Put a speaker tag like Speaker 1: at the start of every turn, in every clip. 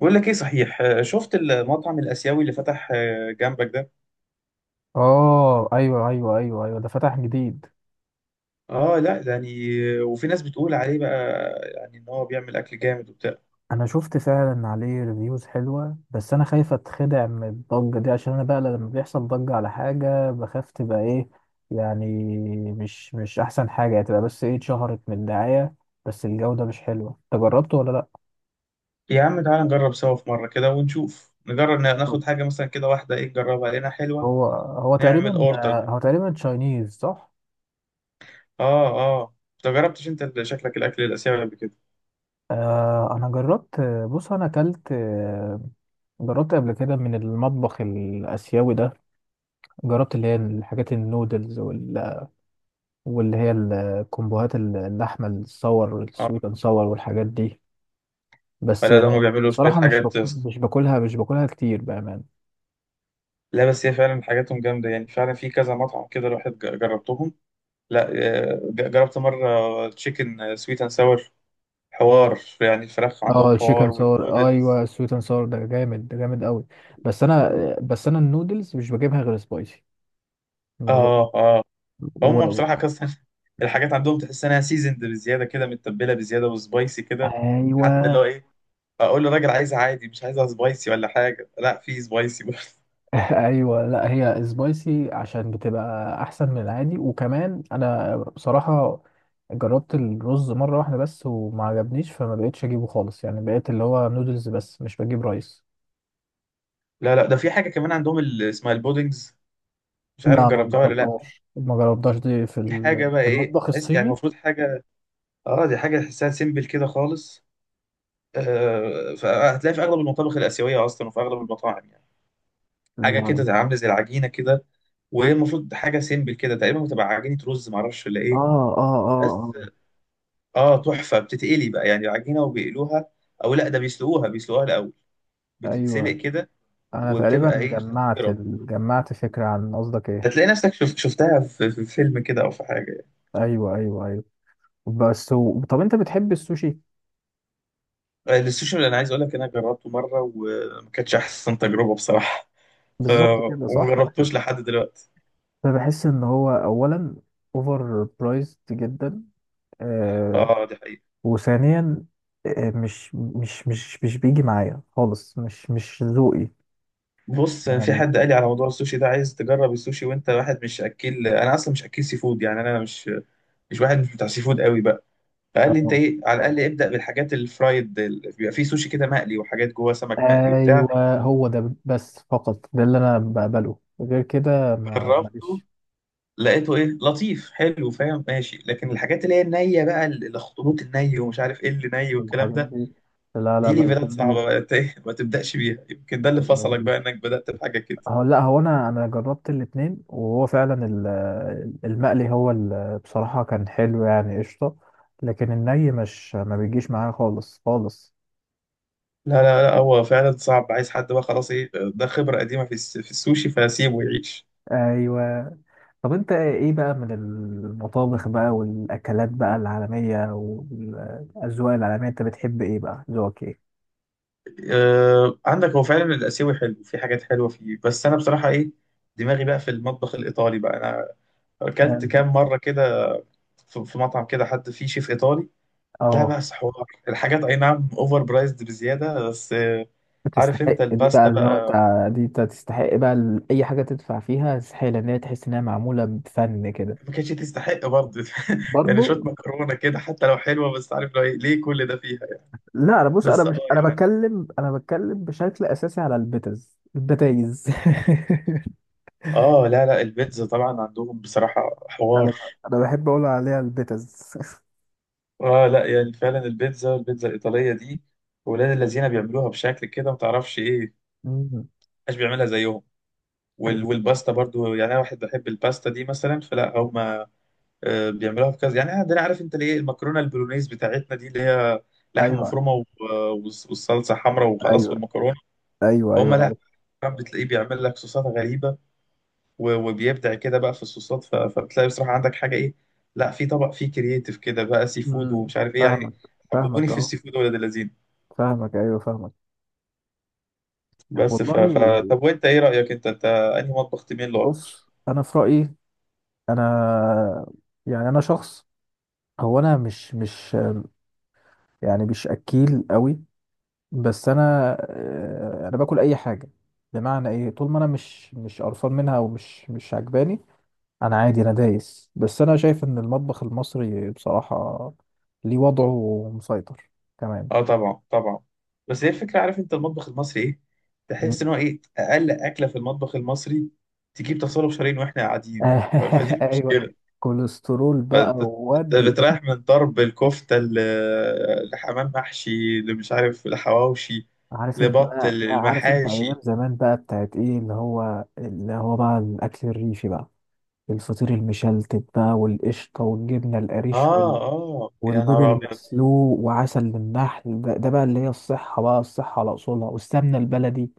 Speaker 1: بقول لك ايه صحيح، شفت المطعم الاسيوي اللي فتح جنبك ده.
Speaker 2: اه، ايوه، ايوه، ايوه، ايوه، ده فتح جديد.
Speaker 1: اه، لا ده يعني وفي ناس بتقول عليه بقى. يعني ان هو بيعمل اكل جامد وبتاع.
Speaker 2: انا شفت فعلا عليه ريفيوز حلوه، بس انا خايف اتخدع من الضجه دي، عشان انا بقى لما بيحصل ضجه على حاجه بخاف تبقى ايه يعني مش احسن حاجه يعني، تبقى بس ايه اتشهرت من الدعايه، بس الجوده مش حلوه. انت جربته ولا لا؟
Speaker 1: يا عم تعالى نجرب سوا في مره كده ونشوف نجرب
Speaker 2: طب
Speaker 1: ناخد حاجه مثلا كده واحده، ايه نجربها لقينا حلوه. نعمل اوردر بقى.
Speaker 2: هو تقريبا تشاينيز صح؟
Speaker 1: اه. اه، انت جربتش؟ انت شكلك الاكل الاسيوي قبل كده.
Speaker 2: آه، انا جربت. بص، انا اكلت، جربت قبل كده من المطبخ الاسيوي ده. جربت اللي هي الحاجات النودلز واللي هي الكومبوهات، اللحمة الصور،
Speaker 1: اه.
Speaker 2: السويت اند صور، والحاجات دي. بس
Speaker 1: ولا ده هم بيعملوا شويه
Speaker 2: بصراحة مش بك...
Speaker 1: حاجات.
Speaker 2: مش باكلها مش باكلها كتير بأمان.
Speaker 1: لا بس هي فعلا حاجاتهم جامده، يعني فعلا في كذا مطعم كده الواحد جربتهم. لا. جربت مره تشيكن سويت اند ساور. حوار، يعني الفراخ
Speaker 2: اه،
Speaker 1: عندهم
Speaker 2: الشيكن
Speaker 1: حوار
Speaker 2: صور،
Speaker 1: والنودلز.
Speaker 2: ايوه، السويت اند صور ده جامد، ده جامد قوي. بس انا بس انا النودلز مش بجيبها غير سبايسي. ما بجيب
Speaker 1: اه، اه، هم
Speaker 2: و...
Speaker 1: بصراحه كاستن الحاجات عندهم تحس انها سيزند بزياده كده، متبله بزياده وسبايسي كده حتى
Speaker 2: ايوه
Speaker 1: لو ايه. اقول للراجل عايزها عادي مش عايزها سبايسي ولا حاجه، لا في سبايسي برضه
Speaker 2: ايوه، لا هي سبايسي عشان بتبقى احسن من العادي، وكمان انا بصراحه جربت الرز مره واحده بس وما عجبنيش، فما بقتش اجيبه خالص يعني، بقيت اللي هو نودلز بس مش بجيب رايس.
Speaker 1: لا، لا، ده في حاجه كمان عندهم اسمها البودنجز. مش عارف
Speaker 2: لا، ما
Speaker 1: جربتها ولا لا.
Speaker 2: جربتهاش ما جربتهاش دي في
Speaker 1: دي حاجه
Speaker 2: ال-
Speaker 1: بقى،
Speaker 2: في
Speaker 1: ايه،
Speaker 2: المطبخ
Speaker 1: تحس يعني
Speaker 2: الصيني.
Speaker 1: المفروض حاجه. اه، دي حاجه تحسها سيمبل كده خالص. فهتلاقي في اغلب المطابخ الاسيويه اصلا وفي اغلب المطاعم يعني. حاجه
Speaker 2: لا،
Speaker 1: كده عامله زي العجينه كده، وهي المفروض حاجه سيمبل كده تقريبا، بتبقى عجينه رز معرفش ولا
Speaker 2: اه،
Speaker 1: ايه.
Speaker 2: اه،
Speaker 1: بس
Speaker 2: اه،
Speaker 1: اه تحفه بتتقلي بقى يعني العجينه وبيقلوها. او لا، ده بيسلقوها الاول
Speaker 2: اه،
Speaker 1: بتتسلق
Speaker 2: ايوه،
Speaker 1: كده.
Speaker 2: انا تقريبا
Speaker 1: وبتبقى ايه
Speaker 2: جمعت
Speaker 1: خطيره.
Speaker 2: ال... جمعت فكره عن قصدك ايه.
Speaker 1: هتلاقي نفسك شفتها في فيلم كده او في حاجه يعني.
Speaker 2: ايوه، ايوه، ايوه، بس طب انت بتحب السوشي؟
Speaker 1: السوشي اللي انا عايز اقول لك انا جربته مره وما كانتش احسن تجربه بصراحه. ف
Speaker 2: بالظبط كده
Speaker 1: وما
Speaker 2: صح.
Speaker 1: جربتوش لحد دلوقتي.
Speaker 2: فبحس ان هو اولا اوفر برايزد جدا، آه
Speaker 1: اه، دي حقيقة.
Speaker 2: وثانيا مش بيجي معايا خالص، مش ذوقي
Speaker 1: بص، في
Speaker 2: يعني
Speaker 1: حد قال لي على موضوع السوشي ده، عايز تجرب السوشي وانت واحد مش اكل. انا اصلا مش اكل سي فود، يعني انا مش واحد مش بتاع سي فود قوي بقى. فقال لي انت
Speaker 2: آه.
Speaker 1: ايه، على الاقل ابدا بالحاجات الفرايد. بيبقى فيه سوشي كده مقلي وحاجات جوه سمك مقلي وبتاع.
Speaker 2: ايوه، هو ده بس، فقط ده اللي انا بقبله، غير كده ما
Speaker 1: جربته
Speaker 2: ماليش
Speaker 1: لقيته ايه لطيف حلو، فاهم، ماشي، لكن الحاجات اللي هي النيه بقى، الاخطبوط الني ومش عارف ايه اللي ني
Speaker 2: في
Speaker 1: والكلام
Speaker 2: الحاجات
Speaker 1: ده.
Speaker 2: دي. لا، لا،
Speaker 1: دي
Speaker 2: ما
Speaker 1: ليفلات
Speaker 2: بديش،
Speaker 1: صعبه بقى، انت ايه ما تبداش بيها. يمكن ده اللي
Speaker 2: ما
Speaker 1: فصلك بقى،
Speaker 2: بديش.
Speaker 1: انك بدات بحاجه كده.
Speaker 2: هو لا، هو انا جربت الاتنين، وهو فعلا المقلي، هو بصراحة كان حلو يعني قشطة. لكن الني مش ما بيجيش معايا خالص خالص.
Speaker 1: لا، لا، لا، هو فعلا صعب عايز حد بقى خلاص ايه ده خبرة قديمة في السوشي، فسيبه يعيش.
Speaker 2: ايوه، طب انت ايه بقى من المطابخ بقى والاكلات بقى العالمية والاذواق العالمية؟ انت بتحب ايه بقى؟ ذوقك ايه؟
Speaker 1: عندك، هو فعلا الآسيوي حلو في حاجات حلوة فيه، بس أنا بصراحة ايه. دماغي بقى في المطبخ الإيطالي بقى. أنا أكلت كام
Speaker 2: اه،
Speaker 1: مرة كده في مطعم كده حد فيه شيف إيطالي. لا
Speaker 2: آه،
Speaker 1: بس حوار الحاجات، أي نعم أوفر برايزد بزيادة، بس عارف
Speaker 2: بتستحق
Speaker 1: أنت
Speaker 2: دي بقى،
Speaker 1: الباستا
Speaker 2: اللي هو
Speaker 1: بقى؟
Speaker 2: دي انت تستحق بقى، اي حاجة تدفع فيها تستحق، لان هي تحس انها معمولة بفن كده.
Speaker 1: ما كانتش تستحق برضه. يعني شوية
Speaker 2: برضه
Speaker 1: مكرونة كده حتى لو حلوة، بس عارف لو إيه، ليه كل ده فيها يعني.
Speaker 2: لا، انا بص، انا
Speaker 1: بس
Speaker 2: مش، انا
Speaker 1: يعني.
Speaker 2: بتكلم، انا بتكلم بشكل اساسي على البتز، البتايز
Speaker 1: اه، لا، لا، البيتزا طبعا عندهم بصراحة حوار.
Speaker 2: انا انا بحب اقول عليها البتز.
Speaker 1: اه، لا يعني فعلا البيتزا الإيطالية دي، ولاد الذين بيعملوها بشكل كده ما تعرفش ايه،
Speaker 2: مم.
Speaker 1: محدش بيعملها زيهم.
Speaker 2: ايوه،
Speaker 1: والباستا برضو، يعني انا واحد بحب الباستا دي مثلا، فلا هم. بيعملوها بكذا، يعني عندنا عارف انت ليه؟ المكرونه البولونيز بتاعتنا دي اللي هي لحم مفرومه والصلصه حمراء وخلاص
Speaker 2: ايوه،
Speaker 1: والمكرونه.
Speaker 2: ايوه،
Speaker 1: هم
Speaker 2: ايوه،
Speaker 1: لا،
Speaker 2: عارف.
Speaker 1: بتلاقيه بيعمل لك صوصات غريبه وبيبدع كده بقى في الصوصات، فبتلاقي بصراحة عندك حاجة إيه. لا، في طبق فيه كرييتيف كده بقى سي فود
Speaker 2: مم.
Speaker 1: ومش عارف إيه
Speaker 2: فاهمك،
Speaker 1: يعني. حببوني
Speaker 2: فاهمك
Speaker 1: في
Speaker 2: اهو،
Speaker 1: السي فود ولاد اللذين.
Speaker 2: فاهمك، ايوه، فاهمك.
Speaker 1: بس ف...
Speaker 2: والله،
Speaker 1: ف... طب وأنت إيه رأيك، أنت أنهي مطبخ تميل له أكتر؟
Speaker 2: بص انا في رايي، انا يعني، انا شخص، هو انا مش، مش يعني، مش اكيل قوي. بس انا باكل اي حاجه، بمعنى ايه طول ما انا مش قرفان منها ومش مش عجباني، انا عادي، انا دايس. بس انا شايف ان المطبخ المصري بصراحه ليه وضعه ومسيطر كمان.
Speaker 1: أه، طبعا طبعا. بس هي الفكرة، عارف أنت المطبخ المصري إيه؟ تحس
Speaker 2: مم.
Speaker 1: إن هو إيه أقل أكلة في المطبخ المصري تجيب تصالح شرايين وإحنا قاعدين. فدي
Speaker 2: ايوه،
Speaker 1: المشكلة.
Speaker 2: كوليسترول بقى
Speaker 1: فانت
Speaker 2: وودي.
Speaker 1: بتريح من ضرب الكفته لحمام محشي اللي مش عارف لحواوشي
Speaker 2: عارف انت
Speaker 1: لبط
Speaker 2: بقى، لا، عارف انت ايام
Speaker 1: المحاشي.
Speaker 2: زمان بقى بتاعت ايه، اللي هو بقى الاكل الريفي بقى، الفطير المشلتت بقى والقشطه والجبنه القريش،
Speaker 1: اه، اه، يا
Speaker 2: والبيض
Speaker 1: نهار ابيض.
Speaker 2: المسلوق وعسل النحل ده, ده بقى اللي هي الصحة بقى، الصحة على أصولها والسمنة البلدي.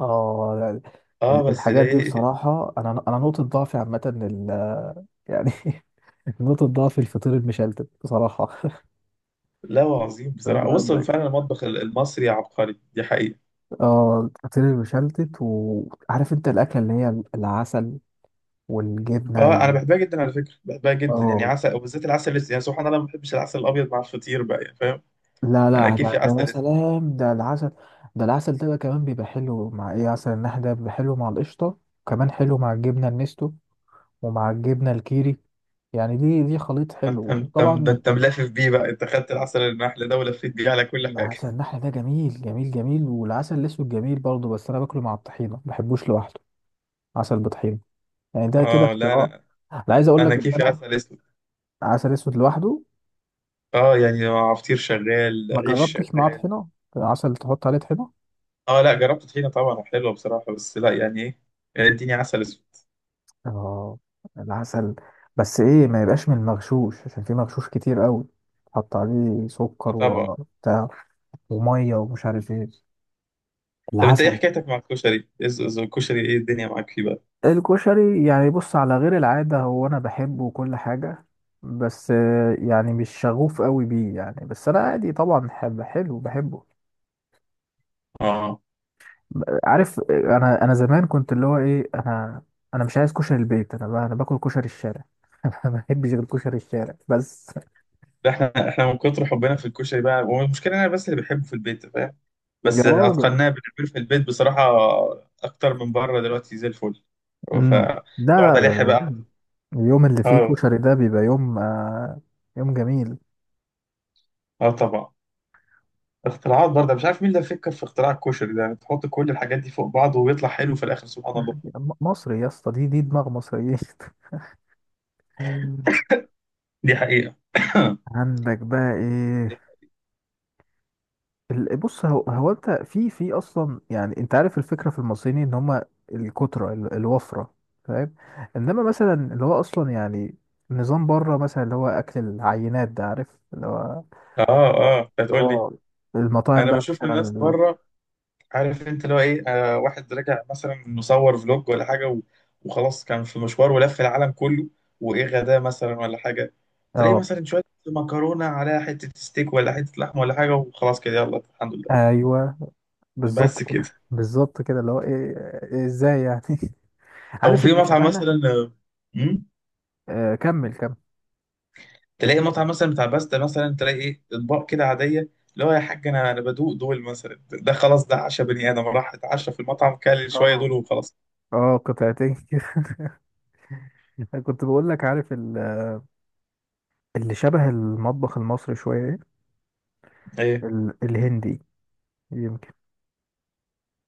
Speaker 2: اه، لا،
Speaker 1: اه بس ده
Speaker 2: الحاجات دي
Speaker 1: ايه.
Speaker 2: بصراحة أنا نقطة ضعفي عامة، يعني نقطة ضعفي الفطير المشلتت بصراحة.
Speaker 1: لا عظيم
Speaker 2: ده-
Speaker 1: بصراحه، وصل
Speaker 2: ده-
Speaker 1: فعلا المطبخ المصري عبقري، دي حقيقه.
Speaker 2: اه، الفطير المشلتت، وعارف أنت الأكلة اللي هي العسل والجبنة
Speaker 1: اه، انا بحبها جدا على فكره، بحبها جدا يعني،
Speaker 2: اه،
Speaker 1: عسل وبالذات العسل الاسود. يعني سبحان الله ما بحبش العسل الابيض مع الفطير بقى، يعني فاهم.
Speaker 2: لا،
Speaker 1: انا
Speaker 2: لا، ده
Speaker 1: كيفي
Speaker 2: ده يا
Speaker 1: عسل اسود.
Speaker 2: سلام، ده العسل، ده العسل ده بقى كمان بيبقى حلو مع ايه، عسل النحل ده بيبقى حلو مع القشطة وكمان حلو مع الجبنة النستو، ومع الجبنة الكيري، يعني دي خليط حلو.
Speaker 1: انت ده
Speaker 2: وطبعا
Speaker 1: انت ملفف بيه بقى، انت خدت العسل النحل ده ولفيت بيه على كل حاجه
Speaker 2: عسل النحل ده جميل، جميل، جميل، والعسل الاسود جميل برضه، بس انا باكله مع الطحينة، ما بحبوش لوحده. عسل بطحينة، يعني ده كده
Speaker 1: اه، لا،
Speaker 2: اختراع.
Speaker 1: انا
Speaker 2: انا عايز اقول
Speaker 1: انا
Speaker 2: لك ان
Speaker 1: كيفي
Speaker 2: انا
Speaker 1: عسل اسود.
Speaker 2: عسل اسود لوحده.
Speaker 1: اه، يعني عصير شغال
Speaker 2: ما
Speaker 1: عيش
Speaker 2: جربتش معاه
Speaker 1: شغال.
Speaker 2: طحينة، عسل تحط عليه طحينة.
Speaker 1: اه، لا جربت طحينه طبعا حلوه بصراحه، بس لا يعني ايه، يعني اديني عسل اسود.
Speaker 2: اه، العسل، بس ايه، ما يبقاش من المغشوش، عشان في مغشوش كتير قوي، حط عليه
Speaker 1: آه
Speaker 2: سكر
Speaker 1: طبعا.
Speaker 2: وبتاع، وميه ومش عارف ايه،
Speaker 1: طب انت ايه
Speaker 2: العسل.
Speaker 1: حكايتك مع الكشري، الكشري ايه الدنيا معاك فيه بقى.
Speaker 2: الكشري، يعني بص على غير العاده، هو انا بحبه وكل حاجه، بس يعني مش شغوف قوي بيه يعني، بس انا عادي طبعا، حب حلو بحبه.
Speaker 1: اه،
Speaker 2: عارف، انا زمان كنت اللي هو ايه، انا مش عايز كشري البيت، انا باكل كشري الشارع ما بحبش غير كشري الشارع بس.
Speaker 1: ده احنا من كتر حبنا في الكشري بقى، والمشكله انا بس اللي بحبه في البيت فاهم.
Speaker 2: يا
Speaker 1: بس اتقناه
Speaker 2: راجل،
Speaker 1: بنعمله في البيت بصراحه اكتر من بره دلوقتي زي الفل،
Speaker 2: لا، لا،
Speaker 1: فبقعد الح بقى.
Speaker 2: لا. لا. اليوم اللي فيه
Speaker 1: اه،
Speaker 2: كشري ده بيبقى يوم جميل.
Speaker 1: اه، طبعا. اختراعات برضه، مش عارف مين اللي فكر في اختراع الكشري ده، يعني تحط كل الحاجات دي فوق بعض ويطلع حلو في الاخر سبحان الله.
Speaker 2: مصري يا اسطى، دي دماغ مصريين
Speaker 1: دي حقيقة
Speaker 2: عندك بقى ايه، بص، هو, هو انت في اصلا، يعني انت عارف الفكره في المصريين ان هم الكتره، الوفره، فاهم؟ انما مثلا اللي هو اصلا يعني نظام بره، مثلا اللي هو اكل العينات ده، عارف، اللي هو
Speaker 1: اه، اه، انت هتقول لي.
Speaker 2: اه المطاعم
Speaker 1: انا
Speaker 2: بقى
Speaker 1: بشوف
Speaker 2: مثلا
Speaker 1: الناس بره، عارف انت اللي هو ايه، واحد رجع مثلا مصور فلوج ولا حاجه وخلاص كان في مشوار ولف العالم كله، وايه غداه مثلا ولا حاجه. تلاقي
Speaker 2: اه،
Speaker 1: مثلا شويه مكرونه على حته ستيك ولا حته لحمه ولا حاجه، وخلاص كده يلا الحمد لله.
Speaker 2: ايوه،
Speaker 1: بس
Speaker 2: بالظبط كده،
Speaker 1: كده.
Speaker 2: بالظبط كده اللي هو ايه، إيه ازاي يعني
Speaker 1: او
Speaker 2: عارف
Speaker 1: في
Speaker 2: اللي
Speaker 1: مطعم
Speaker 2: شبهنا،
Speaker 1: مثلا مم؟
Speaker 2: كمل كمل.
Speaker 1: تلاقي مطعم مثلا بتاع باستا مثلا، تلاقي ايه اطباق كده عاديه، اللي هو يا حاج انا بدوق دول مثلا، ده خلاص ده عشا بني ادم راح اتعشى في المطعم كل شويه
Speaker 2: اه،
Speaker 1: دول وخلاص
Speaker 2: اه، قطعتين كده كنت بقول لك عارف اللي شبه المطبخ المصري شويه ايه،
Speaker 1: ايه.
Speaker 2: الهندي يمكن،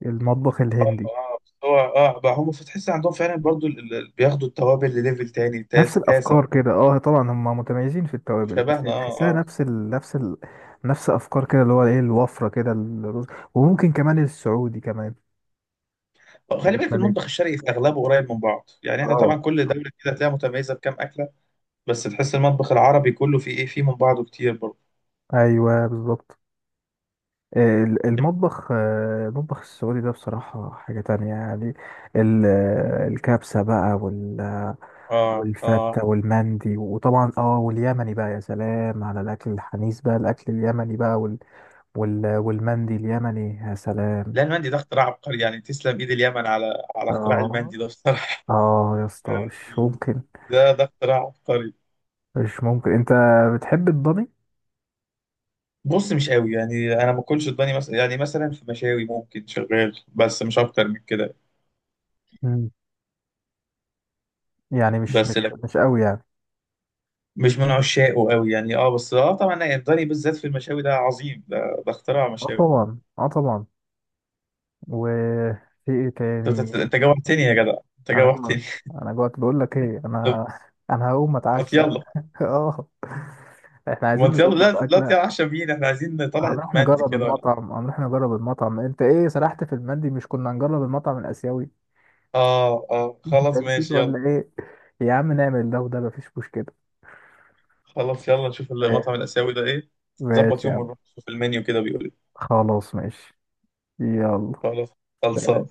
Speaker 2: المطبخ
Speaker 1: اه،
Speaker 2: الهندي،
Speaker 1: بس هو بقى هم فتحس عندهم فعلا برضو بياخدوا التوابل لليفل تاني
Speaker 2: نفس
Speaker 1: تاسع تاسع.
Speaker 2: الافكار كده. اه طبعا هم متميزين في التوابل، بس
Speaker 1: وشبهنا.
Speaker 2: هي
Speaker 1: اه،
Speaker 2: تحسها
Speaker 1: اه.
Speaker 2: نفس افكار كده، اللي هو ايه الوفره كده، الرز، وممكن كمان السعودي كمان،
Speaker 1: خلي بالك،
Speaker 2: الخليج.
Speaker 1: المطبخ الشرقي في اغلبه قريب من بعض، يعني احنا طبعا
Speaker 2: اه،
Speaker 1: كل دوله كده هتلاقيها متميزه بكام اكله. بس تحس المطبخ العربي كله فيه، ايه، فيه من بعضه كتير برضو.
Speaker 2: ايوه، بالظبط، المطبخ السعودي ده بصراحة حاجة تانية يعني، الكبسة بقى
Speaker 1: اه، اه.
Speaker 2: والفتة والمندي وطبعا واليمني بقى، يا سلام على الأكل الحنيس بقى، الأكل اليمني بقى، والمندي اليمني، يا سلام.
Speaker 1: لا، المندي ده اختراع عبقري يعني، تسلم ايد اليمن على اختراع
Speaker 2: اه،
Speaker 1: المندي ده بصراحه.
Speaker 2: اه، يا اسطى مش
Speaker 1: يعني
Speaker 2: ممكن،
Speaker 1: ده اختراع عبقري.
Speaker 2: مش ممكن. انت بتحب الضاني؟
Speaker 1: بص مش قوي يعني، انا ما اكلش الضاني مثلا، يعني مثلا في مشاوي ممكن شغال بس مش اكتر من كده.
Speaker 2: مم. يعني مش
Speaker 1: بس
Speaker 2: مش
Speaker 1: لا
Speaker 2: مش قوي يعني.
Speaker 1: مش من عشاقه قوي يعني، بس طبعا الضاني بالذات في المشاوي ده عظيم ده اختراع
Speaker 2: اه
Speaker 1: مشاوي.
Speaker 2: طبعا، اه طبعا. وفي ايه
Speaker 1: انت أنت-
Speaker 2: تاني؟
Speaker 1: أنت جوعتني يا جدع، انت
Speaker 2: انا جوعت،
Speaker 1: جوعتني.
Speaker 2: انا جوعت، بقول لك ايه
Speaker 1: طب
Speaker 2: انا انا هقوم
Speaker 1: ما
Speaker 2: اتعشى
Speaker 1: يلا.
Speaker 2: اه، احنا
Speaker 1: ما
Speaker 2: عايزين
Speaker 1: يلا، لا،
Speaker 2: نظبط
Speaker 1: لا،
Speaker 2: اكله.
Speaker 1: تعشى بينا احنا عايزين. طلعت
Speaker 2: هنروح
Speaker 1: مندي
Speaker 2: نجرب
Speaker 1: كده ولا؟
Speaker 2: المطعم، هنروح نجرب المطعم، انت ايه سرحت في المندي؟ مش كنا هنجرب المطعم الاسيوي؟
Speaker 1: اه، اه،
Speaker 2: انت
Speaker 1: خلاص
Speaker 2: نسيت
Speaker 1: ماشي يلا.
Speaker 2: ولا ايه؟ يا عم نعمل ده وده مفيش مشكله.
Speaker 1: خلاص يلا نشوف
Speaker 2: ماشي،
Speaker 1: المطعم الآسيوي ده إيه. ظبط
Speaker 2: ماشي يا
Speaker 1: يوم
Speaker 2: عم.
Speaker 1: ونروح نشوف المنيو كده بيقول إيه.
Speaker 2: خلاص ماشي، يلا.
Speaker 1: خلاص. خلصان.